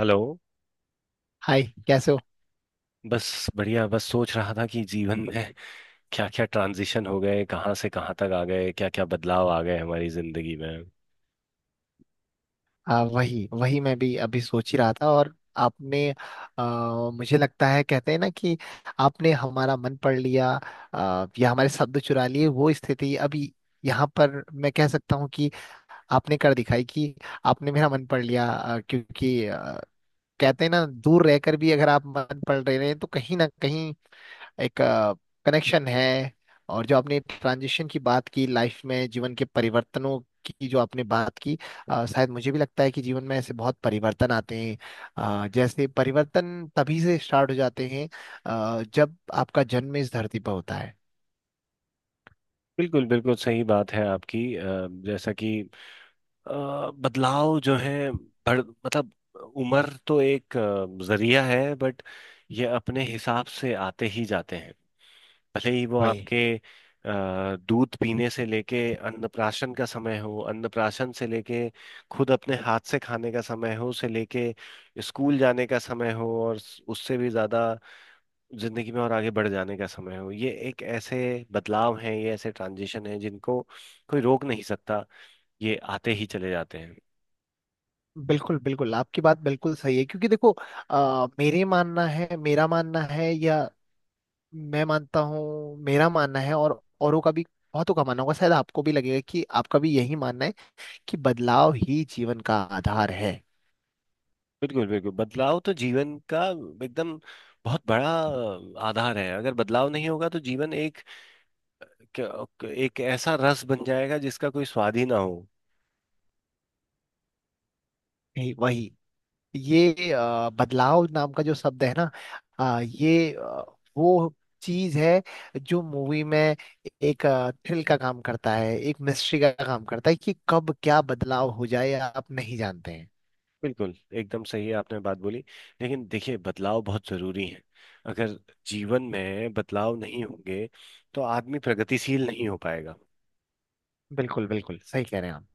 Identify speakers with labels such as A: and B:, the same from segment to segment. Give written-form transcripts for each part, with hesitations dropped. A: Hello.
B: Hi. कैसे हो।
A: बस बढ़िया, बस सोच रहा था कि जीवन में क्या क्या ट्रांजिशन हो गए, कहाँ से कहाँ तक आ गए, क्या क्या बदलाव आ गए हमारी जिंदगी में।
B: वही वही, मैं भी अभी सोच ही रहा था। और आपने, मुझे लगता है, कहते हैं ना कि आपने हमारा मन पढ़ लिया, या हमारे शब्द चुरा लिए। वो स्थिति अभी यहाँ पर मैं कह सकता हूँ कि आपने कर दिखाई, कि आपने मेरा मन पढ़ लिया, क्योंकि कहते हैं ना, दूर रहकर भी अगर आप मन पढ़ रहे हैं तो कहीं ना कहीं एक कनेक्शन है। और जो आपने ट्रांजिशन की बात की, लाइफ में, जीवन के परिवर्तनों की जो आपने बात की, शायद मुझे भी लगता है कि जीवन में ऐसे बहुत परिवर्तन आते हैं। जैसे परिवर्तन तभी से स्टार्ट हो जाते हैं, जब आपका जन्म इस धरती पर होता है।
A: बिल्कुल बिल्कुल सही बात है आपकी। जैसा कि अ, बदलाव जो है, बढ़ मतलब उम्र तो एक जरिया है, बट ये अपने हिसाब से आते ही जाते हैं, भले ही वो
B: वही।
A: आपके दूध पीने से लेके, अन्नप्राशन का समय हो, अन्नप्राशन से लेके खुद अपने हाथ से खाने का समय हो, से लेके स्कूल जाने का समय हो, और उससे भी ज़्यादा जिंदगी में और आगे बढ़ जाने का समय हो। ये एक ऐसे बदलाव हैं, ये ऐसे ट्रांजिशन हैं जिनको कोई रोक नहीं सकता, ये आते ही चले जाते हैं।
B: बिल्कुल बिल्कुल, आपकी बात बिल्कुल सही है, क्योंकि देखो, मेरे मानना है मेरा मानना है, या मैं मानता हूँ मेरा मानना है, और औरों का भी, बहुतों का मानना होगा। शायद आपको भी लगेगा कि आपका भी यही मानना है, कि बदलाव ही जीवन का आधार है।
A: बिल्कुल बिल्कुल, बदलाव तो जीवन का एकदम बहुत बड़ा आधार है। अगर बदलाव नहीं होगा तो जीवन एक एक ऐसा रस बन जाएगा जिसका कोई स्वाद ही ना हो।
B: वही। ये बदलाव नाम का जो शब्द है ना, अ, ये अ, वो चीज है जो मूवी में एक थ्रिल का काम करता है, एक मिस्ट्री का काम करता है, कि कब क्या बदलाव हो जाए आप नहीं जानते हैं।
A: बिल्कुल एकदम सही है, आपने बात बोली। लेकिन देखिए, बदलाव बहुत जरूरी है। अगर जीवन में बदलाव नहीं होंगे तो आदमी प्रगतिशील नहीं हो पाएगा।
B: बिल्कुल बिल्कुल सही कह रहे हैं आप।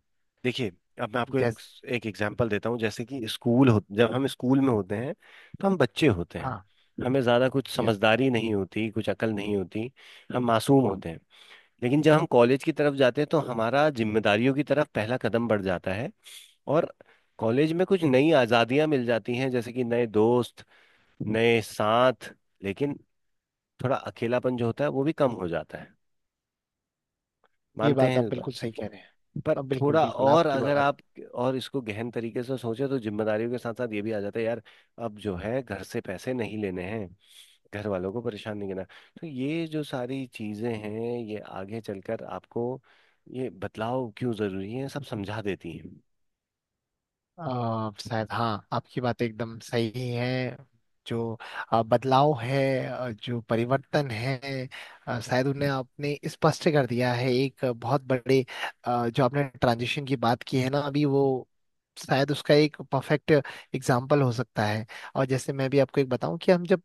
A: देखिए, अब मैं आपको एक
B: जैस
A: एक एग्जांपल देता हूँ। जैसे कि स्कूल हो, जब हम स्कूल में होते हैं तो हम बच्चे होते हैं,
B: हाँ।
A: हमें ज़्यादा कुछ
B: यस।
A: समझदारी नहीं होती, कुछ अकल नहीं होती, हम मासूम होते हैं। लेकिन जब हम कॉलेज की तरफ जाते हैं तो हमारा जिम्मेदारियों की तरफ पहला कदम बढ़ जाता है। और कॉलेज में कुछ नई आज़ादियाँ मिल जाती हैं, जैसे कि नए दोस्त, नए साथ, लेकिन थोड़ा अकेलापन जो होता है वो भी कम हो जाता है।
B: ये
A: मानते
B: बात
A: हैं
B: आप
A: इस बात?
B: बिल्कुल सही कह रहे हैं।
A: पर
B: अब बिल्कुल
A: थोड़ा
B: बिल्कुल
A: और
B: आपकी
A: अगर
B: बात,
A: आप और इसको गहन तरीके से सोचे, तो जिम्मेदारियों के साथ साथ ये भी आ जाता है यार, अब जो है घर से पैसे नहीं लेने हैं, घर वालों को परेशान नहीं करना। तो ये जो सारी चीजें हैं ये आगे चलकर आपको ये बदलाव क्यों जरूरी है सब समझा देती हैं।
B: शायद हाँ आपकी बात एकदम सही है। जो बदलाव है, जो परिवर्तन है, शायद उन्हें आपने स्पष्ट कर दिया है, एक बहुत बड़े, जो आपने ट्रांजिशन की बात की है ना अभी, वो शायद उसका एक परफेक्ट एग्जाम्पल हो सकता है। और जैसे मैं भी आपको एक बताऊं, कि हम जब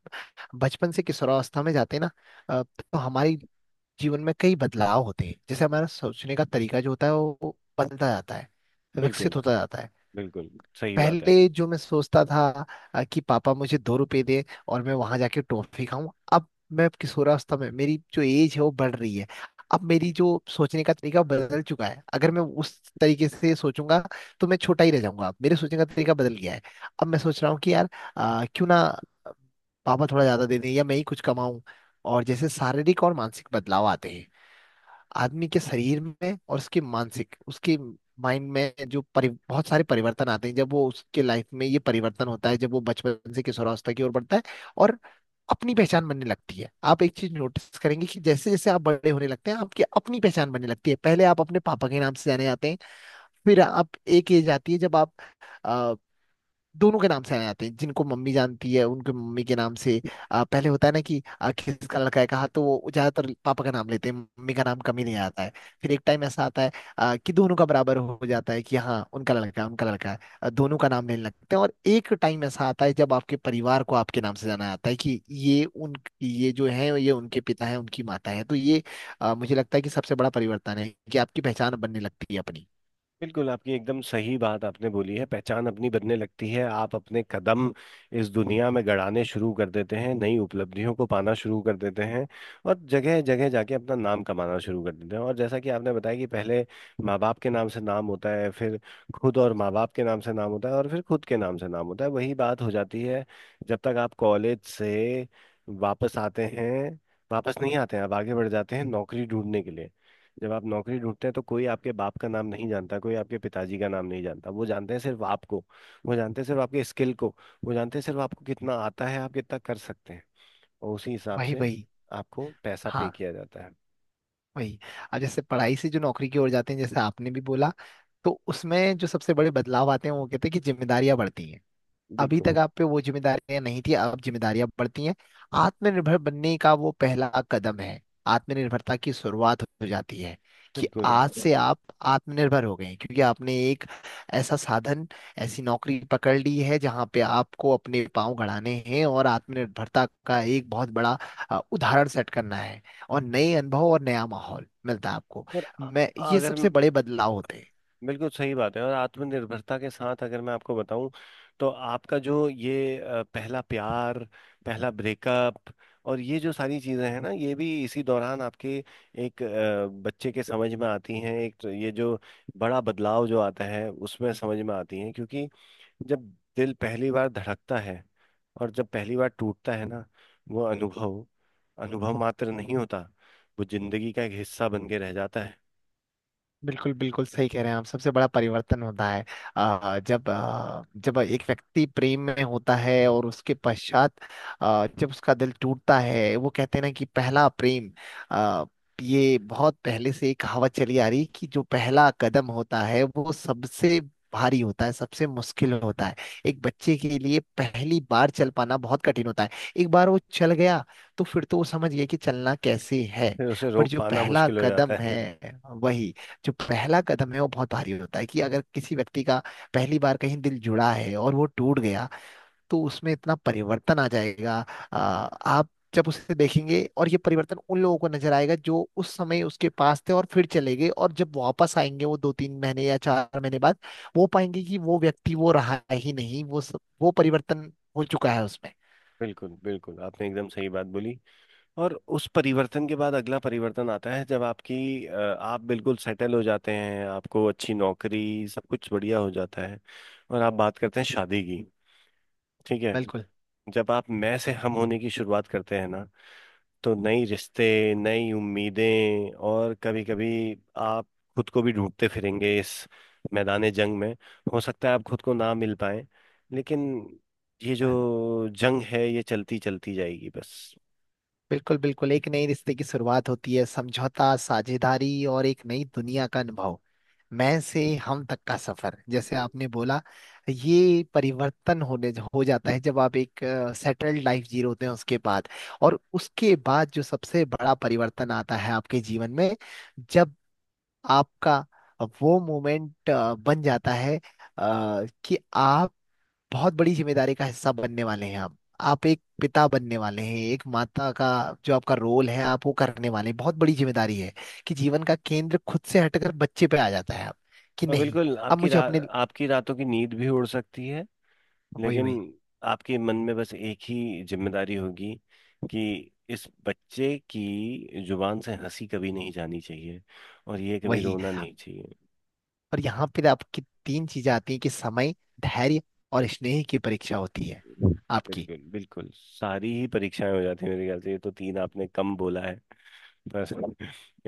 B: बचपन से किशोरावस्था में जाते हैं ना, तो हमारे जीवन में कई बदलाव होते हैं, जैसे हमारा सोचने का तरीका जो होता है वो बदलता जाता है,
A: बिल्कुल
B: विकसित होता जाता है।
A: बिल्कुल सही बात है
B: पहले
A: आपकी।
B: जो मैं सोचता था, कि पापा मुझे 2 रुपए दें और मैं वहां जाके टॉफी खाऊं। अब मैं किशोरावस्था में, मेरी जो एज है वो बढ़ रही है, अब मेरी जो सोचने का तरीका बदल चुका है। अगर मैं उस तरीके से सोचूंगा तो मैं छोटा ही रह जाऊंगा। मेरे सोचने का तरीका बदल गया है। अब मैं सोच रहा हूँ कि यार, क्यों ना पापा थोड़ा ज्यादा दे दें, या मैं ही कुछ कमाऊं। और जैसे शारीरिक और मानसिक बदलाव आते हैं आदमी के शरीर में, और उसके मानसिक, उसके माइंड में जो बहुत सारे परिवर्तन आते हैं, जब वो उसके लाइफ में, ये परिवर्तन होता है जब वो बचपन से किशोरावस्था की ओर बढ़ता है। और अपनी पहचान बनने लगती है। आप एक चीज नोटिस करेंगे, कि जैसे जैसे आप बड़े होने लगते हैं, आपकी अपनी पहचान बनने लगती है। पहले आप अपने पापा के नाम से जाने जाते हैं, फिर आप, एक एज आती है जब आप दोनों के नाम से आ जाते हैं, जिनको मम्मी जानती है उनके मम्मी के नाम से। पहले होता है ना कि किसका लड़का है, कहा तो वो ज्यादातर पापा का नाम लेते हैं, मम्मी का नाम कम ही नहीं आता है। फिर एक टाइम ऐसा आता है, कि दोनों का बराबर हो जाता है, कि हाँ उनका लड़का है, उनका लड़का है, दोनों का नाम लेने लगते हैं। और एक टाइम ऐसा आता है जब आपके परिवार को आपके नाम से जाना जाता है, कि ये उन, ये जो है ये उनके पिता है, उनकी माता है। तो ये, मुझे लगता है कि सबसे बड़ा परिवर्तन है, कि आपकी पहचान बनने लगती है अपनी।
A: बिल्कुल, आपकी एकदम सही बात आपने बोली है। पहचान अपनी बनने लगती है, आप अपने कदम इस दुनिया में गड़ाने शुरू कर देते हैं, नई उपलब्धियों को पाना शुरू कर देते हैं और जगह जगह जाके अपना नाम कमाना शुरू कर देते हैं। और जैसा कि आपने बताया कि पहले माँ बाप के नाम से नाम होता है, फिर खुद और माँ बाप के नाम से नाम होता है, और फिर खुद के नाम से नाम होता है। वही बात हो जाती है जब तक आप कॉलेज से वापस आते हैं, वापस नहीं आते हैं, आप आगे बढ़ जाते हैं नौकरी ढूंढने के लिए। जब आप नौकरी ढूंढते हैं तो कोई आपके बाप का नाम नहीं जानता, कोई आपके पिताजी का नाम नहीं जानता, वो जानते हैं सिर्फ आपको, वो जानते हैं सिर्फ आपके स्किल को, वो जानते हैं सिर्फ आपको कितना आता है, आप कितना कर सकते हैं, और उसी हिसाब
B: वही
A: से
B: वही।
A: आपको पैसा पे
B: हाँ।
A: किया जाता है।
B: वही। अब जैसे पढ़ाई से जो नौकरी की ओर जाते हैं, जैसे आपने भी बोला, तो उसमें जो सबसे बड़े बदलाव आते हैं वो कहते हैं, कि जिम्मेदारियां बढ़ती हैं। अभी
A: बिल्कुल
B: तक आप पे वो जिम्मेदारियां नहीं थी, अब जिम्मेदारियां बढ़ती हैं। आत्मनिर्भर बनने का वो पहला कदम है, आत्मनिर्भरता की शुरुआत हो जाती है, कि
A: बिल्कुल।
B: आज से आप आत्मनिर्भर हो गए हैं, क्योंकि आपने एक ऐसा साधन, ऐसी नौकरी पकड़ ली है जहां पे आपको अपने पाँव गड़ाने हैं, और आत्मनिर्भरता का एक बहुत बड़ा, उदाहरण सेट करना है। और नए अनुभव और नया माहौल मिलता है आपको।
A: और अ-
B: मैं, ये
A: अगर
B: सबसे बड़े बदलाव होते हैं।
A: बिल्कुल सही बात है, और आत्मनिर्भरता के साथ अगर मैं आपको बताऊं तो आपका जो ये पहला प्यार, पहला ब्रेकअप, और ये जो सारी चीजें हैं ना ये भी इसी दौरान आपके एक बच्चे के समझ में आती हैं। एक तो ये जो बड़ा बदलाव जो आता है उसमें समझ में आती हैं, क्योंकि जब दिल पहली बार धड़कता है और जब पहली बार टूटता है ना, वो अनुभव, अनुभव मात्र नहीं होता, वो जिंदगी का एक हिस्सा बन के रह जाता है।
B: बिल्कुल बिल्कुल सही कह रहे हैं आप। सबसे बड़ा परिवर्तन होता है जब एक व्यक्ति प्रेम में होता है, और उसके पश्चात जब उसका दिल टूटता है। वो कहते हैं ना कि पहला प्रेम। अ, ये बहुत पहले से एक कहावत चली आ रही है, कि जो पहला कदम होता है वो सबसे भारी होता है, सबसे मुश्किल होता है। एक बच्चे के लिए पहली बार चल पाना बहुत कठिन होता है, एक बार वो चल गया तो फिर तो वो समझ गया कि चलना कैसे है।
A: फिर उसे
B: पर
A: रोक
B: जो
A: पाना
B: पहला
A: मुश्किल हो जाता
B: कदम है
A: है।
B: वही, जो पहला कदम है वो बहुत भारी होता है। कि अगर किसी व्यक्ति का पहली बार कहीं दिल जुड़ा है और वो टूट गया, तो उसमें इतना परिवर्तन आ जाएगा, आप जब उसे देखेंगे, और ये परिवर्तन उन लोगों को नजर आएगा जो उस समय उसके पास थे और फिर चले गए, और जब वापस आएंगे वो 2-3 महीने या 4 महीने बाद, वो पाएंगे कि वो व्यक्ति वो रहा ही नहीं, वो परिवर्तन हो चुका है उसमें।
A: बिल्कुल बिल्कुल, आपने एकदम सही बात बोली। और उस परिवर्तन के बाद अगला परिवर्तन आता है जब आपकी आप बिल्कुल सेटल हो जाते हैं, आपको अच्छी नौकरी सब कुछ बढ़िया हो जाता है और आप बात करते हैं शादी की। ठीक है?
B: बिल्कुल
A: जब आप मैं से हम होने की शुरुआत करते हैं ना, तो नई रिश्ते, नई उम्मीदें, और कभी कभी आप खुद को भी ढूंढते फिरेंगे इस मैदान जंग में। हो सकता है आप खुद को ना मिल पाए, लेकिन ये जो जंग है ये चलती चलती जाएगी बस।
B: बिल्कुल। बिल्कुल एक नए रिश्ते की शुरुआत होती है, समझौता, साझेदारी और एक नई दुनिया का अनुभव। मैं से हम तक का सफर, जैसे
A: हम्म।
B: आपने बोला। ये परिवर्तन होने हो जाता है जब आप एक सेटल्ड लाइफ जी रहे होते हैं, उसके बाद। और उसके बाद जो सबसे बड़ा परिवर्तन आता है आपके जीवन में, जब आपका वो मोमेंट बन जाता है, कि आप बहुत बड़ी जिम्मेदारी का हिस्सा बनने वाले हैं। आप एक पिता बनने वाले हैं, एक माता का जो आपका रोल है आप वो करने वाले हैं। बहुत बड़ी जिम्मेदारी है, कि जीवन का केंद्र खुद से हटकर बच्चे पे आ जाता है। आप कि
A: और
B: नहीं।
A: बिल्कुल,
B: अब मुझे अपने,
A: आपकी रातों की नींद भी उड़ सकती है।
B: वही
A: लेकिन
B: वही
A: आपके मन में बस एक ही जिम्मेदारी होगी, कि इस बच्चे की जुबान से हंसी कभी नहीं जानी चाहिए और ये कभी
B: वही।
A: रोना नहीं चाहिए।
B: और यहाँ पे आपकी तीन चीजें आती हैं, कि समय, धैर्य और स्नेह की परीक्षा होती है आपकी।
A: बिल्कुल बिल्कुल, सारी ही परीक्षाएं हो जाती है मेरे ख्याल से, ये तो तीन आपने कम बोला है। पर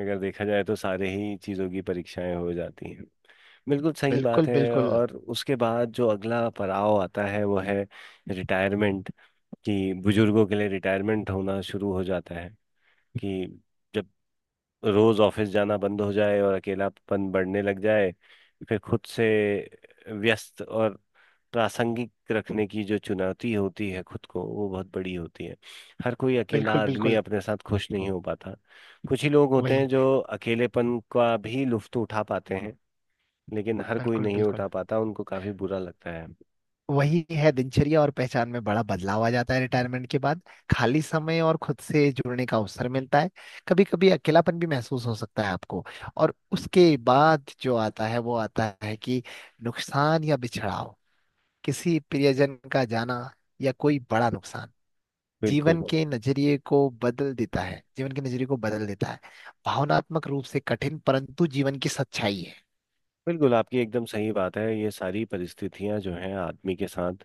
A: अगर देखा जाए तो सारे ही चीज़ों की परीक्षाएं हो जाती हैं। बिल्कुल सही बात
B: बिल्कुल
A: है।
B: बिल्कुल।
A: और उसके बाद जो अगला पड़ाव आता है वो है रिटायरमेंट। कि बुजुर्गों के लिए रिटायरमेंट होना शुरू हो जाता है, कि जब रोज ऑफिस जाना बंद हो जाए और अकेलापन बढ़ने लग जाए, फिर खुद से व्यस्त और प्रासंगिक रखने की जो चुनौती होती है खुद को, वो बहुत बड़ी होती है। हर कोई अकेला
B: बिल्कुल
A: आदमी
B: बिल्कुल।
A: अपने साथ खुश नहीं हो पाता। कुछ ही लोग होते हैं
B: वही।
A: जो अकेलेपन का भी लुत्फ उठा पाते हैं, लेकिन हर कोई
B: बिल्कुल
A: नहीं
B: बिल्कुल।
A: उठा पाता, उनको काफी बुरा लगता है।
B: वही है, दिनचर्या और पहचान में बड़ा बदलाव आ जाता है रिटायरमेंट के बाद। खाली समय और खुद से जुड़ने का अवसर मिलता है। कभी कभी अकेलापन भी महसूस हो सकता है आपको। और उसके बाद जो आता है वो आता है, कि नुकसान या बिछड़ाव, किसी प्रियजन का जाना, या कोई बड़ा नुकसान,
A: बिल्कुल
B: जीवन के नजरिए को बदल देता है, जीवन के नजरिए को बदल देता है। भावनात्मक रूप से कठिन, परंतु जीवन की सच्चाई है।
A: बिल्कुल, आपकी एकदम सही बात है। ये सारी परिस्थितियां जो हैं आदमी के साथ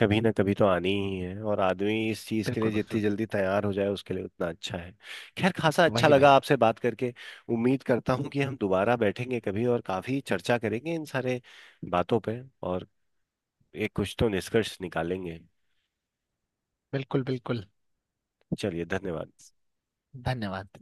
A: कभी ना कभी तो आनी ही है, और आदमी इस चीज़ के लिए
B: बिल्कुल
A: जितनी
B: बिल्कुल।
A: जल्दी तैयार हो जाए उसके लिए उतना अच्छा है। खैर, खासा अच्छा
B: वही
A: लगा
B: वही।
A: आपसे बात करके। उम्मीद करता हूँ कि हम दोबारा बैठेंगे कभी और काफ़ी चर्चा करेंगे इन सारे बातों पे, और एक कुछ तो निष्कर्ष निकालेंगे।
B: बिल्कुल बिल्कुल।
A: चलिए, धन्यवाद।
B: धन्यवाद।